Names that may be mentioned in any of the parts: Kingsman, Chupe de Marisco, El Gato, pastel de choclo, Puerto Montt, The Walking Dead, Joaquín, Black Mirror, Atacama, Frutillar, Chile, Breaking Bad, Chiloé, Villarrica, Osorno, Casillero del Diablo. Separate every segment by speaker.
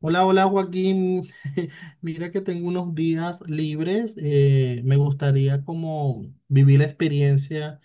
Speaker 1: Hola, hola Joaquín. Mira que tengo unos días libres. Me gustaría como vivir la experiencia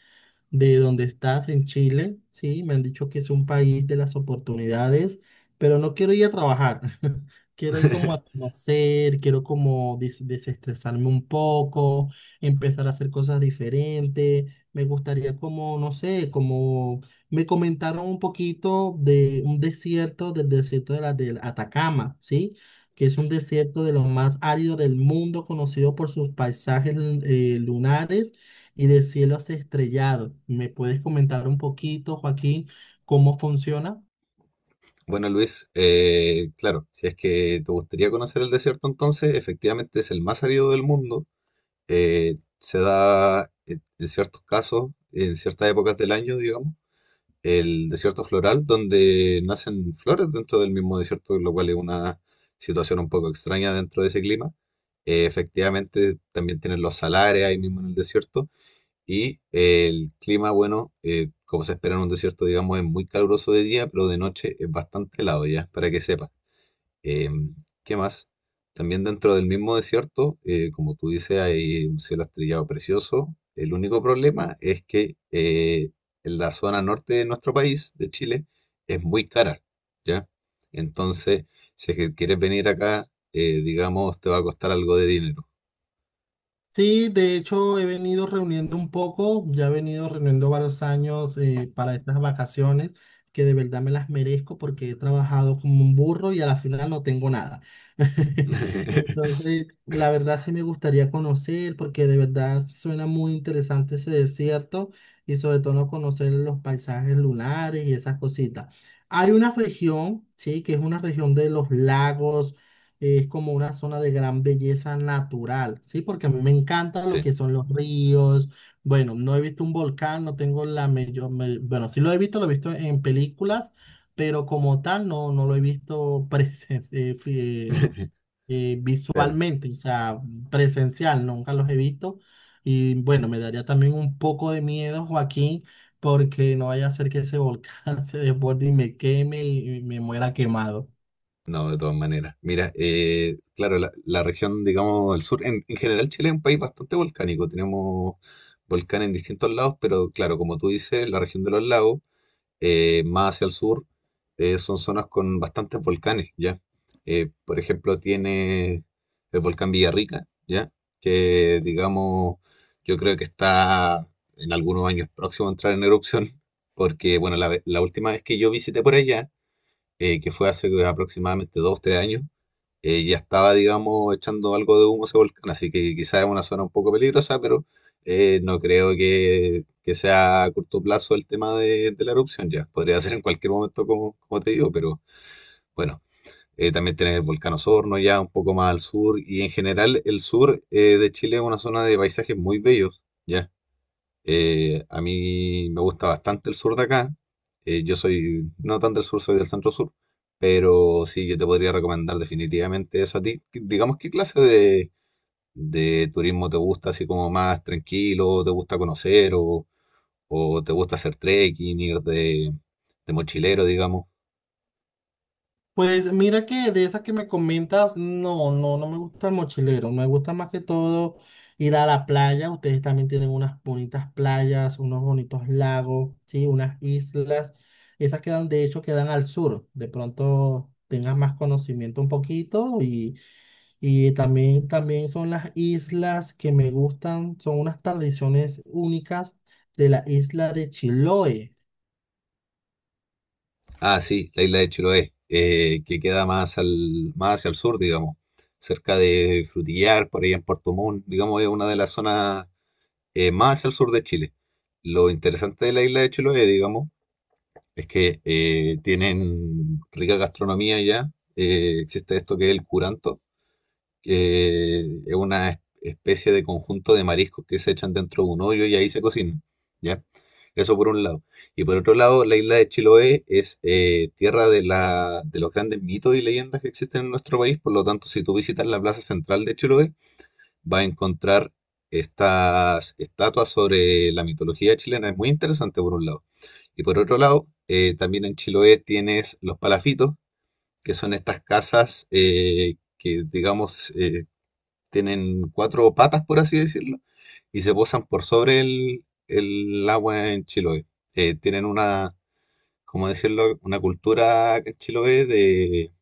Speaker 1: de donde estás en Chile. Sí, me han dicho que es un país de las oportunidades, pero no quiero ir a trabajar. Quiero ir como a conocer, quiero como desestresarme un poco, empezar a hacer cosas diferentes. Me gustaría como, no sé, como me comentaron un poquito de un desierto, del desierto de la del Atacama, ¿sí? Que es un desierto de los más áridos del mundo, conocido por sus paisajes lunares y de cielos estrellados. ¿Me puedes comentar un poquito, Joaquín, cómo funciona?
Speaker 2: Bueno, Luis, claro, si es que te gustaría conocer el desierto, entonces efectivamente es el más árido del mundo. Se da en ciertos casos, en ciertas épocas del año, digamos, el desierto floral, donde nacen flores dentro del mismo desierto, lo cual es una situación un poco extraña dentro de ese clima. Efectivamente, también tienen los salares ahí mismo en el desierto. Y el clima, bueno, como se espera en un desierto, digamos, es muy caluroso de día, pero de noche es bastante helado ya, para que sepa. Em, ¿Qué más? También dentro del mismo desierto, como tú dices, hay un cielo estrellado precioso. El único problema es que en la zona norte de nuestro país, de Chile, es muy cara, ¿ya? Entonces, si es que quieres venir acá, digamos, te va a costar algo de dinero.
Speaker 1: Sí, de hecho he venido reuniendo un poco, ya he venido reuniendo varios años, para estas vacaciones que de verdad me las merezco porque he trabajado como un burro y a la final no tengo nada. Entonces, la verdad sí me gustaría conocer porque de verdad suena muy interesante ese desierto y sobre todo conocer los paisajes lunares y esas cositas. Hay una región, sí, que es una región de los lagos. Es como una zona de gran belleza natural, ¿sí? Porque a mí me encanta lo
Speaker 2: Sí,
Speaker 1: que son los ríos. Bueno, no he visto un volcán, no tengo la mayor... Bueno, sí lo he visto en películas, pero como tal no, no lo he visto
Speaker 2: claro.
Speaker 1: visualmente, o sea, presencial, nunca los he visto. Y bueno, me daría también un poco de miedo, Joaquín, porque no vaya a ser que ese volcán se desborde y me queme y me muera quemado.
Speaker 2: No, de todas maneras. Mira, claro, la región, digamos, el sur, en general Chile es un país bastante volcánico. Tenemos volcanes en distintos lados, pero claro, como tú dices, la región de los lagos, más hacia el sur, son zonas con bastantes volcanes, ¿ya? Por ejemplo, tiene el volcán Villarrica, ¿ya? Que, digamos, yo creo que está en algunos años próximo a entrar en erupción, porque, bueno, la última vez que yo visité por allá, que fue hace aproximadamente dos, tres años, ya estaba, digamos, echando algo de humo ese volcán, así que quizás es una zona un poco peligrosa, pero no creo que sea a corto plazo el tema de la erupción ya. Podría ser en cualquier momento, como, como te digo, pero bueno, también tener el volcán Osorno ya un poco más al sur, y en general el sur de Chile es una zona de paisajes muy bellos, ya. A mí me gusta bastante el sur de acá. Yo soy no tan del sur, soy del centro sur. Pero sí, yo te podría recomendar definitivamente eso a ti. Que- Digamos, ¿qué clase de turismo te gusta? Así como más tranquilo, te gusta conocer o te gusta hacer trekking, ir de mochilero, digamos.
Speaker 1: Pues mira que de esas que me comentas, no, no, no me gusta el mochilero, me gusta más que todo ir a la playa. Ustedes también tienen unas bonitas playas, unos bonitos lagos, sí, unas islas. Esas quedan, de hecho, quedan al sur, de pronto tengas más conocimiento un poquito y también, también son las islas que me gustan, son unas tradiciones únicas de la isla de Chiloé.
Speaker 2: Ah, sí, la isla de Chiloé, que queda más, al, más hacia el sur, digamos cerca de Frutillar, por ahí en Puerto Montt, digamos, es una de las zonas más hacia el sur de Chile. Lo interesante de la isla de Chiloé, digamos, es que tienen rica gastronomía ya. Existe esto que es el curanto, que es una especie de conjunto de mariscos que se echan dentro de un hoyo y ahí se cocinan, ¿ya? Eso por un lado. Y por otro lado, la isla de Chiloé es tierra de, la, de los grandes mitos y leyendas que existen en nuestro país. Por lo tanto, si tú visitas la plaza central de Chiloé, va a encontrar estas estatuas sobre la mitología chilena. Es muy interesante por un lado. Y por otro lado, también en Chiloé tienes los palafitos, que son estas casas que, digamos, tienen cuatro patas, por así decirlo, y se posan por sobre el agua en Chiloé. Tienen una, como decirlo, una cultura en Chiloé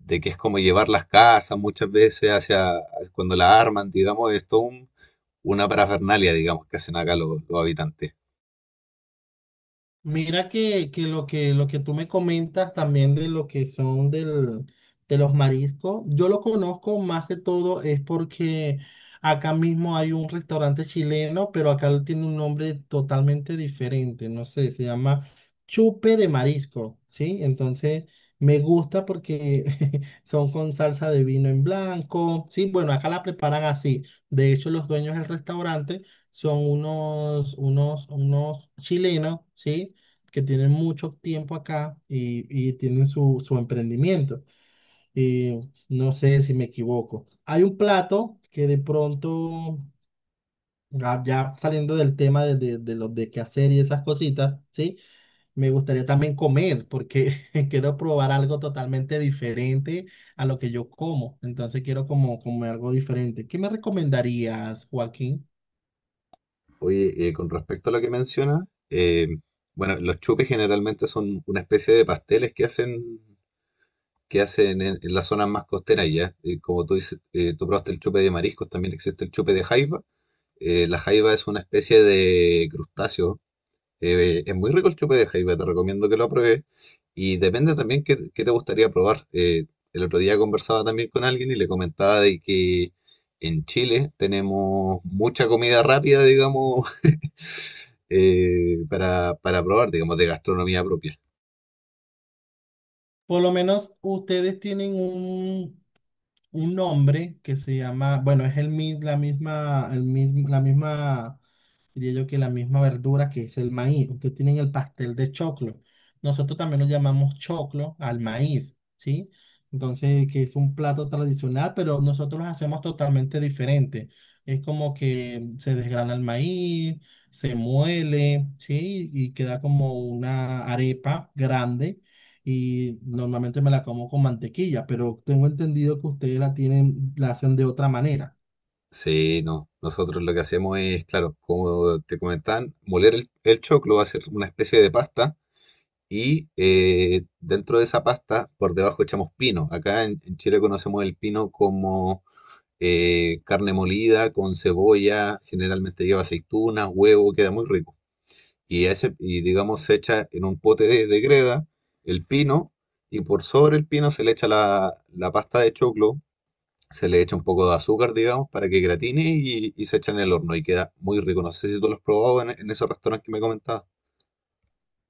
Speaker 2: de que es como llevar las casas muchas veces hacia, cuando la arman, digamos, es todo un una parafernalia, digamos, que hacen acá los habitantes.
Speaker 1: Mira que lo que tú me comentas también de lo que son del, de los mariscos, yo lo conozco más que todo es porque acá mismo hay un restaurante chileno, pero acá lo tiene un nombre totalmente diferente, no sé, se llama Chupe de Marisco, ¿sí? Entonces me gusta porque son con salsa de vino en blanco, ¿sí? Bueno, acá la preparan así. De hecho, los dueños del restaurante son unos chilenos, ¿sí? Que tienen mucho tiempo acá y tienen su, su emprendimiento. Y no sé si me equivoco. Hay un plato que de pronto, ya saliendo del tema de los de qué hacer y esas cositas, ¿sí? Me gustaría también comer porque quiero probar algo totalmente diferente a lo que yo como. Entonces quiero como comer algo diferente. ¿Qué me recomendarías, Joaquín?
Speaker 2: Oye, con respecto a lo que mencionas, bueno, los chupes generalmente son una especie de pasteles que hacen en las zonas más costeras ya. Y como tú dices, tú probaste el chupe de mariscos, también existe el chupe de jaiba. La jaiba es una especie de crustáceo. Es muy rico el chupe de jaiba, te recomiendo que lo pruebes. Y depende también qué, qué te gustaría probar. El otro día conversaba también con alguien y le comentaba de que en Chile tenemos mucha comida rápida, digamos, para probar, digamos, de gastronomía propia.
Speaker 1: Por lo menos ustedes tienen un hombre que se llama, bueno, es el, la misma, el mismo, la misma diría yo que la misma verdura que es el maíz. Ustedes tienen el pastel de choclo. Nosotros también lo llamamos choclo al maíz, ¿sí? Entonces, que es un plato tradicional, pero nosotros lo hacemos totalmente diferente. Es como que se desgrana el maíz, se muele, ¿sí? Y queda como una arepa grande. Y normalmente me la como con mantequilla, pero tengo entendido que ustedes la tienen, la hacen de otra manera.
Speaker 2: Sí, no. Nosotros lo que hacemos es, claro, como te comentaban, moler el choclo, hacer una especie de pasta y dentro de esa pasta, por debajo echamos pino. Acá en Chile conocemos el pino como carne molida con cebolla, generalmente lleva aceitunas, huevo, queda muy rico. Y, ese, y digamos, se echa en un pote de greda el pino y por sobre el pino se le echa la, la pasta de choclo, se le echa un poco de azúcar, digamos, para que gratine y se echa en el horno y queda muy rico. No sé si tú lo has probado en esos restaurantes que me comentabas.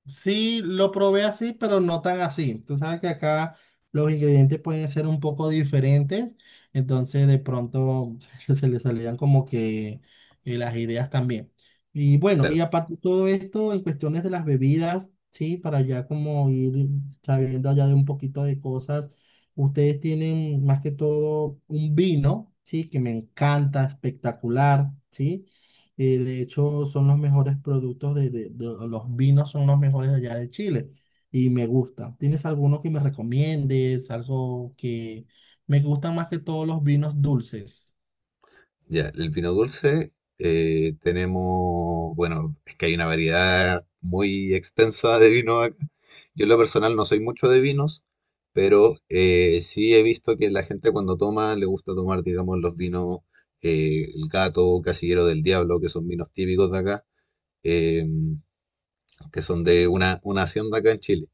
Speaker 1: Sí, lo probé así, pero no tan así. Tú sabes que acá los ingredientes pueden ser un poco diferentes, entonces de pronto se le salían como que las ideas también. Y bueno, y
Speaker 2: Claro.
Speaker 1: aparte de todo esto, en cuestiones de las bebidas, sí, para ya como ir sabiendo allá de un poquito de cosas, ustedes tienen más que todo un vino, sí, que me encanta, espectacular, sí. Y de hecho son los mejores productos los vinos son los mejores de allá de Chile. Y me gusta. ¿Tienes alguno que me recomiendes? Algo que me gusta más que todos los vinos dulces.
Speaker 2: Ya, el vino dulce tenemos, bueno, es que hay una variedad muy extensa de vino acá. Yo en lo personal no soy mucho de vinos, pero sí he visto que la gente cuando toma le gusta tomar, digamos, los vinos El Gato, Casillero del Diablo, que son vinos típicos de acá, eh, que son de una hacienda acá en Chile.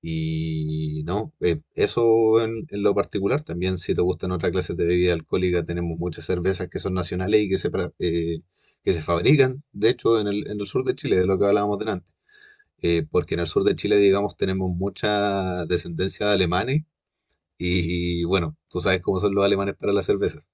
Speaker 2: Y no, eso en lo particular. También, si te gustan otras clases de bebida alcohólica, tenemos muchas cervezas que son nacionales y que se, que se fabrican, de hecho, en el sur de Chile, de lo que hablábamos delante. Porque en el sur de Chile, digamos, tenemos mucha descendencia de alemanes. Y, bueno, tú sabes cómo son los alemanes para la cerveza.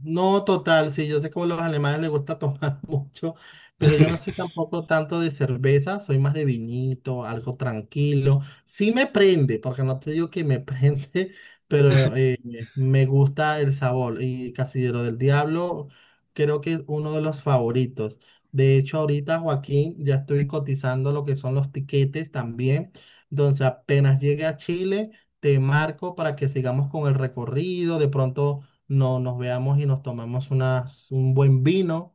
Speaker 1: No, total, sí, yo sé que a los alemanes les gusta tomar mucho, pero yo no soy tampoco tanto de cerveza, soy más de vinito, algo tranquilo. Sí me prende, porque no te digo que me prende, pero me gusta el sabor. Y Casillero del Diablo creo que es uno de los favoritos. De hecho, ahorita, Joaquín, ya estoy cotizando lo que son los tiquetes también. Entonces, apenas llegue a Chile, te marco para que sigamos con el recorrido, de pronto no, nos veamos y nos tomamos unas, un buen vino.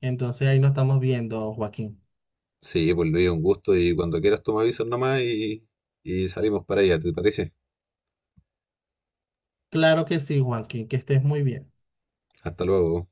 Speaker 1: Entonces ahí nos estamos viendo, Joaquín.
Speaker 2: Sí, pues Luis, un gusto. Y cuando quieras, tú me avisas nomás y salimos para allá, ¿te parece?
Speaker 1: Claro que sí, Joaquín, que estés muy bien.
Speaker 2: Hasta luego.